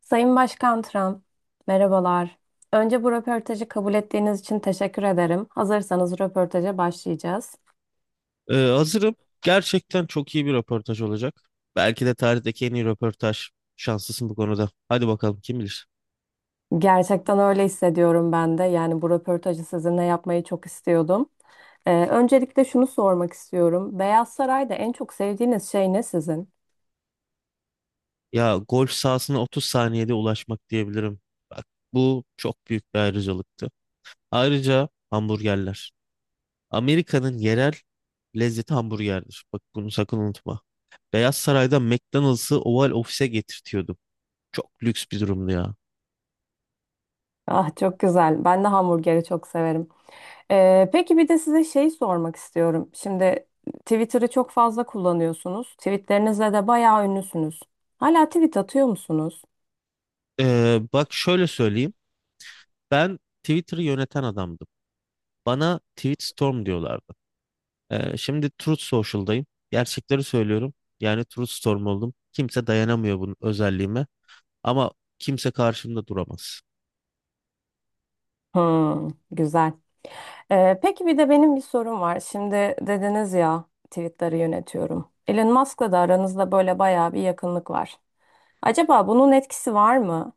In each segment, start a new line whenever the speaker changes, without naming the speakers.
Sayın Başkan Trump, merhabalar. Önce bu röportajı kabul ettiğiniz için teşekkür ederim. Hazırsanız röportaja başlayacağız.
Hazırım. Gerçekten çok iyi bir röportaj olacak. Belki de tarihteki en iyi röportaj. Şanslısın bu konuda. Hadi bakalım kim bilir.
Gerçekten öyle hissediyorum ben de. Yani bu röportajı sizinle yapmayı çok istiyordum. Öncelikle şunu sormak istiyorum. Beyaz Saray'da en çok sevdiğiniz şey ne sizin?
Ya golf sahasına 30 saniyede ulaşmak diyebilirim. Bak bu çok büyük bir ayrıcalıktı. Ayrıca hamburgerler. Amerika'nın yerel lezzeti hamburgerdir. Bak bunu sakın unutma. Beyaz Saray'da McDonald's'ı Oval Office'e getirtiyordu. Çok lüks bir durumdu ya.
Ah çok güzel. Ben de hamburgeri çok severim. Peki bir de size şey sormak istiyorum. Şimdi Twitter'ı çok fazla kullanıyorsunuz. Tweetlerinizle de bayağı ünlüsünüz. Hala tweet atıyor musunuz?
Bak şöyle söyleyeyim. Ben Twitter'ı yöneten adamdım. Bana Tweetstorm diyorlardı. Şimdi Truth Social'dayım. Gerçekleri söylüyorum. Yani Truth Storm oldum. Kimse dayanamıyor bunun özelliğime. Ama kimse karşımda duramaz.
Hmm, güzel. Peki bir de benim bir sorum var. Şimdi dediniz ya, tweetleri yönetiyorum. Elon Musk'la da aranızda böyle bayağı bir yakınlık var. Acaba bunun etkisi var mı?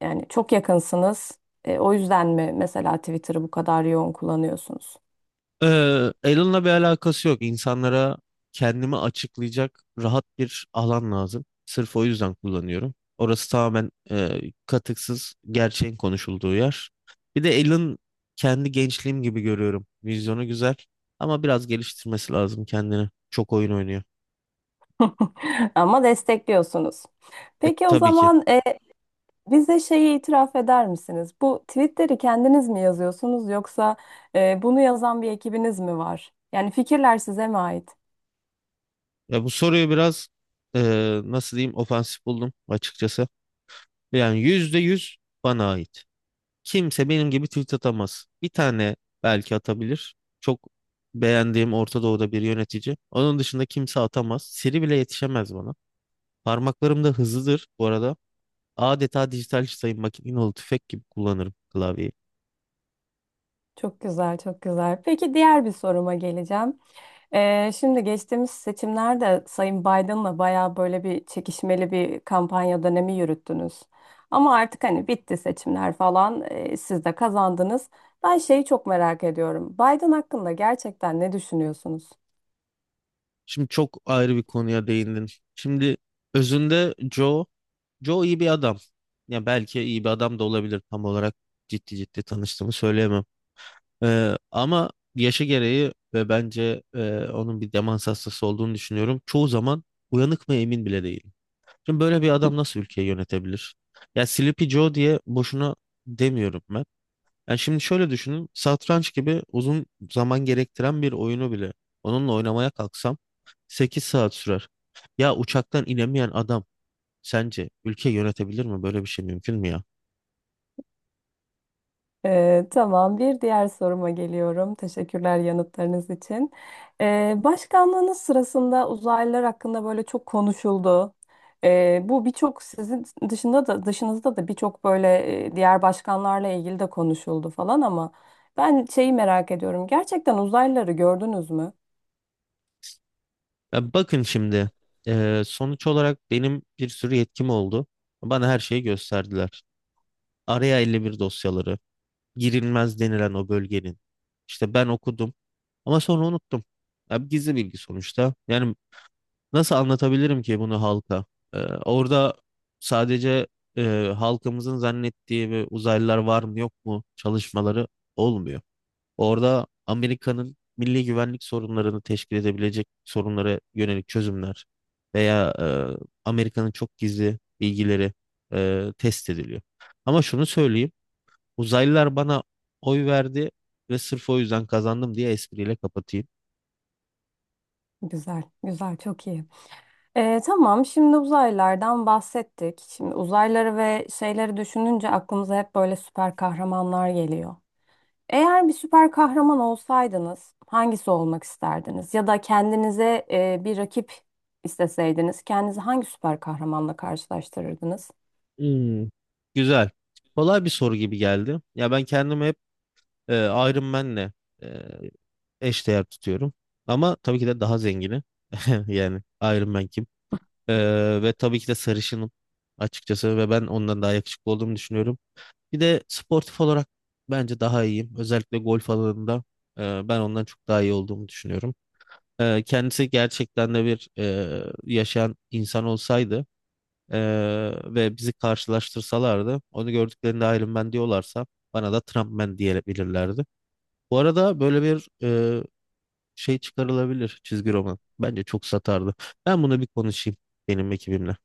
Yani çok yakınsınız. O yüzden mi mesela Twitter'ı bu kadar yoğun kullanıyorsunuz?
Ee, Alan'la bir alakası yok. İnsanlara kendimi açıklayacak rahat bir alan lazım. Sırf o yüzden kullanıyorum. Orası tamamen katıksız, gerçeğin konuşulduğu yer. Bir de Alan kendi gençliğim gibi görüyorum. Vizyonu güzel ama biraz geliştirmesi lazım kendini. Çok oyun oynuyor.
Ama destekliyorsunuz. Peki o
Tabii ki.
zaman bize şeyi itiraf eder misiniz? Bu tweetleri kendiniz mi yazıyorsunuz yoksa bunu yazan bir ekibiniz mi var? Yani fikirler size mi ait?
Ya bu soruyu biraz e, nasıl diyeyim ofansif buldum açıkçası. Yani %100 bana ait. Kimse benim gibi tweet atamaz. Bir tane belki atabilir. Çok beğendiğim Orta Doğu'da bir yönetici. Onun dışında kimse atamaz. Siri bile yetişemez bana. Parmaklarım da hızlıdır bu arada. Adeta dijital sayım makineli tüfek gibi kullanırım klavyeyi.
Çok güzel, çok güzel. Peki diğer bir soruma geleceğim. Şimdi geçtiğimiz seçimlerde Sayın Biden'la bayağı böyle bir çekişmeli bir kampanya dönemi yürüttünüz. Ama artık hani bitti seçimler falan, siz de kazandınız. Ben şeyi çok merak ediyorum. Biden hakkında gerçekten ne düşünüyorsunuz?
Şimdi çok ayrı bir konuya değindin. Şimdi özünde Joe iyi bir adam. Ya belki iyi bir adam da olabilir tam olarak ciddi ciddi tanıştığımı söyleyemem. Ama yaşı gereği ve bence onun bir demans hastası olduğunu düşünüyorum. Çoğu zaman uyanık mı emin bile değilim. Şimdi böyle bir adam nasıl ülkeyi yönetebilir? Ya Sleepy Joe diye boşuna demiyorum ben. Yani şimdi şöyle düşünün. Satranç gibi uzun zaman gerektiren bir oyunu bile onunla oynamaya kalksam 8 saat sürer. Ya uçaktan inemeyen adam sence ülke yönetebilir mi? Böyle bir şey mümkün mü ya?
Tamam, bir diğer soruma geliyorum. Teşekkürler yanıtlarınız için. Başkanlığınız sırasında uzaylılar hakkında böyle çok konuşuldu. Bu birçok sizin dışında da dışınızda da birçok böyle diğer başkanlarla ilgili de konuşuldu falan ama ben şeyi merak ediyorum. Gerçekten uzaylıları gördünüz mü?
Ya bakın şimdi sonuç olarak benim bir sürü yetkim oldu. Bana her şeyi gösterdiler. Araya 51 dosyaları, girilmez denilen o bölgenin. İşte ben okudum ama sonra unuttum. Ya gizli bilgi sonuçta. Yani nasıl anlatabilirim ki bunu halka? Eee, Orada sadece halkımızın zannettiği ve uzaylılar var mı yok mu çalışmaları olmuyor. Orada Amerika'nın milli güvenlik sorunlarını teşkil edebilecek sorunlara yönelik çözümler veya Amerika'nın çok gizli bilgileri test ediliyor. Ama şunu söyleyeyim, uzaylılar bana oy verdi ve sırf o yüzden kazandım diye espriyle kapatayım.
Güzel, güzel, çok iyi. Tamam, şimdi uzaylılardan bahsettik. Şimdi uzaylıları ve şeyleri düşününce aklımıza hep böyle süper kahramanlar geliyor. Eğer bir süper kahraman olsaydınız, hangisi olmak isterdiniz? Ya da kendinize bir rakip isteseydiniz, kendinizi hangi süper kahramanla karşılaştırırdınız?
Hmm. Güzel. Kolay bir soru gibi geldi. Ya ben kendimi hep e, Iron Man'le e, eşdeğer tutuyorum. Ama tabii ki de daha zengini. Yani Iron Man kim? Ve tabii ki de sarışınım açıkçası ve ben ondan daha yakışıklı olduğumu düşünüyorum. Bir de sportif olarak bence daha iyiyim. Özellikle golf alanında ben ondan çok daha iyi olduğumu düşünüyorum. Kendisi gerçekten de bir yaşayan insan olsaydı e, ve bizi karşılaştırsalardı onu gördüklerinde Iron Man diyorlarsa bana da Trump Man diyebilirlerdi. Bu arada böyle bir şey çıkarılabilir çizgi roman. Bence çok satardı. Ben bunu bir konuşayım benim ekibimle.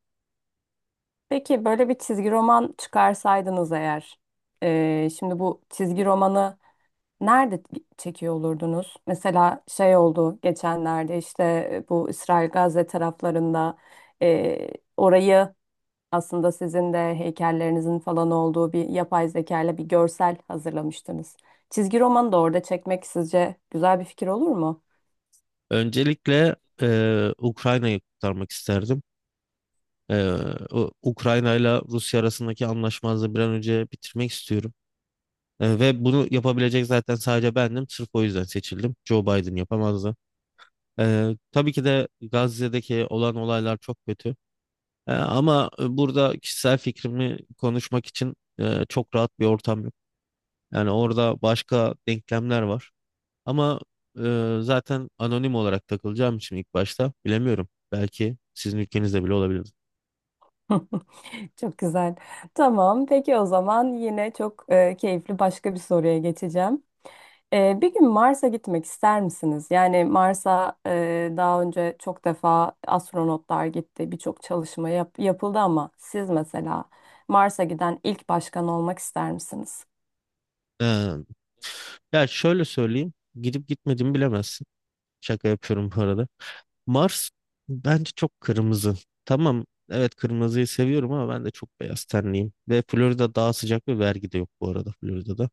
Peki böyle bir çizgi roman çıkarsaydınız eğer, şimdi bu çizgi romanı nerede çekiyor olurdunuz? Mesela şey oldu geçenlerde işte bu İsrail-Gazze taraflarında e, orayı, aslında sizin de heykellerinizin falan olduğu bir yapay zeka ile bir görsel hazırlamıştınız. Çizgi romanı da orada çekmek sizce güzel bir fikir olur mu?
Öncelikle Ukrayna'yı kurtarmak isterdim. Eee, Ukrayna ile Rusya arasındaki anlaşmazlığı bir an önce bitirmek istiyorum. Ve bunu yapabilecek zaten sadece bendim. Sırf o yüzden seçildim. Joe Biden yapamazdı. Tabii ki de Gazze'deki olan olaylar çok kötü. Ama burada kişisel fikrimi konuşmak için çok rahat bir ortam yok. Yani orada başka denklemler var. Ama zaten anonim olarak takılacağım için ilk başta bilemiyorum. Belki sizin ülkenizde bile olabilir.
Çok güzel. Tamam, peki o zaman yine çok keyifli başka bir soruya geçeceğim. Bir gün Mars'a gitmek ister misiniz? Yani Mars'a daha önce çok defa astronotlar gitti, birçok çalışma yapıldı ama siz mesela Mars'a giden ilk başkan olmak ister misiniz?
Ee, Ya şöyle söyleyeyim. Gidip gitmediğimi bilemezsin. Şaka yapıyorum bu arada. Mars bence çok kırmızı. Tamam, evet, kırmızıyı seviyorum ama ben de çok beyaz tenliyim. Ve Florida daha sıcak ve vergi de yok bu arada Florida'da.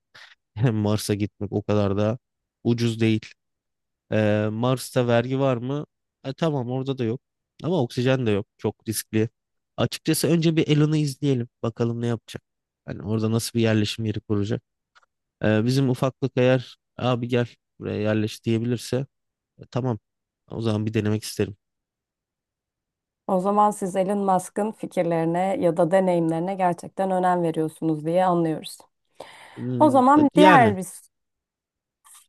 Mars'a gitmek o kadar da ucuz değil. Mars'ta vergi var mı? Tamam, orada da yok. Ama oksijen de yok. Çok riskli. Açıkçası önce bir Elon'u izleyelim. Bakalım ne yapacak. Hani orada nasıl bir yerleşim yeri kuracak. Bizim ufaklık eğer abi gel buraya yerleş diyebilirse tamam. O zaman bir denemek isterim.
O zaman siz Elon Musk'ın fikirlerine ya da deneyimlerine gerçekten önem veriyorsunuz diye anlıyoruz. O zaman
Yani
diğer biz.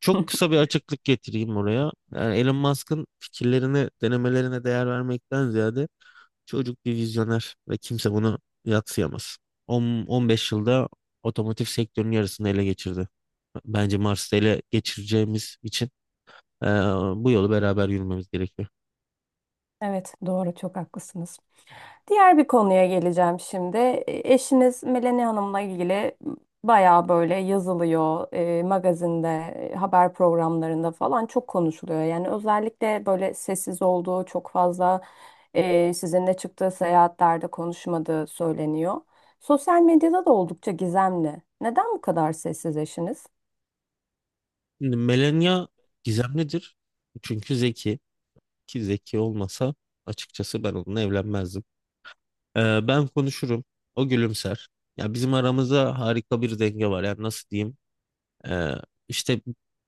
çok kısa bir açıklık getireyim oraya. Yani Elon Musk'ın fikirlerini denemelerine değer vermekten ziyade çocuk bir vizyoner ve kimse bunu yadsıyamaz. 10, 15 yılda otomotiv sektörünün yarısını ele geçirdi. Bence Mars'ta ele geçireceğimiz için eee, bu yolu beraber yürümemiz gerekiyor.
Evet, doğru, çok haklısınız. Diğer bir konuya geleceğim şimdi. Eşiniz Melanie Hanım'la ilgili bayağı böyle yazılıyor, magazinde, haber programlarında falan çok konuşuluyor. Yani özellikle böyle sessiz olduğu, çok fazla sizinle çıktığı seyahatlerde konuşmadığı söyleniyor. Sosyal medyada da oldukça gizemli. Neden bu kadar sessiz eşiniz?
Şimdi Melania gizemlidir. Çünkü zeki. Ki zeki olmasa açıkçası ben onunla evlenmezdim. Ben konuşurum. O gülümser. Ya bizim aramızda harika bir denge var. Yani nasıl diyeyim? Ee, işte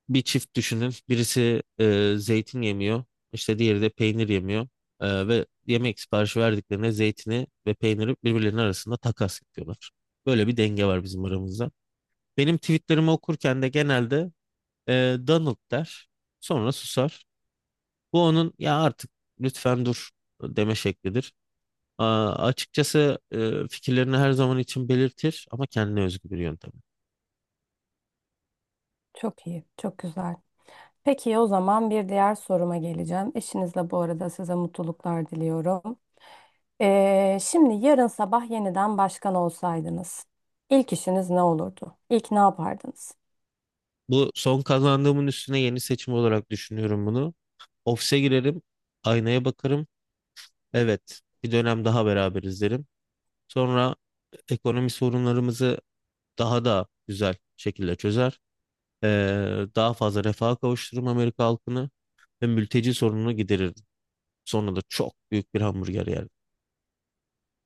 bir çift düşünün. Birisi zeytin yemiyor. İşte diğeri de peynir yemiyor. Ve yemek siparişi verdiklerine zeytini ve peyniri birbirlerinin arasında takas ediyorlar. Böyle bir denge var bizim aramızda. Benim tweetlerimi okurken de genelde Donald der. Sonra susar. Bu onun ya artık lütfen dur deme şeklidir. Açıkçası fikirlerini her zaman için belirtir ama kendine özgü bir yöntem.
Çok iyi, çok güzel. Peki o zaman bir diğer soruma geleceğim. Eşinizle bu arada size mutluluklar diliyorum. Şimdi yarın sabah yeniden başkan olsaydınız, ilk işiniz ne olurdu? İlk ne yapardınız?
Bu son kazandığımın üstüne yeni seçim olarak düşünüyorum bunu. Ofise girerim, aynaya bakarım. Evet, bir dönem daha beraberiz derim. Sonra ekonomi sorunlarımızı daha da güzel şekilde çözer. Ee, Daha fazla refaha kavuşturur Amerika halkını ve mülteci sorununu giderir. Sonra da çok büyük bir hamburger yer.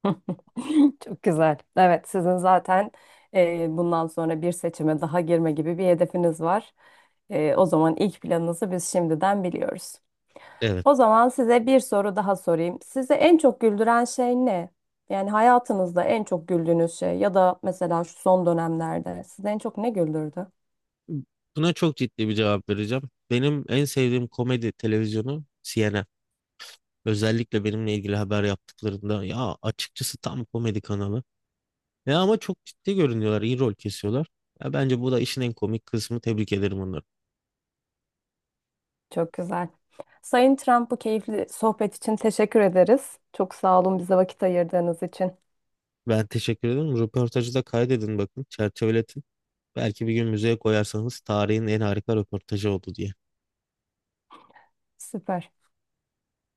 Çok güzel. Evet, sizin zaten bundan sonra bir seçime daha girme gibi bir hedefiniz var. O zaman ilk planınızı biz şimdiden biliyoruz.
Evet.
O zaman size bir soru daha sorayım. Size en çok güldüren şey ne? Yani hayatınızda en çok güldüğünüz şey ya da mesela şu son dönemlerde sizi en çok ne güldürdü?
Buna çok ciddi bir cevap vereceğim. Benim en sevdiğim komedi televizyonu CNN. Özellikle benimle ilgili haber yaptıklarında ya açıkçası tam komedi kanalı. Ya ama çok ciddi görünüyorlar, iyi rol kesiyorlar. Ya bence bu da işin en komik kısmı. Tebrik ederim onları.
Çok güzel. Sayın Trump, bu keyifli sohbet için teşekkür ederiz. Çok sağ olun bize vakit ayırdığınız için.
Ben teşekkür ederim. Röportajı da kaydedin bakın. Çerçeveletin. Belki bir gün müzeye koyarsanız tarihin en harika röportajı oldu diye.
Süper.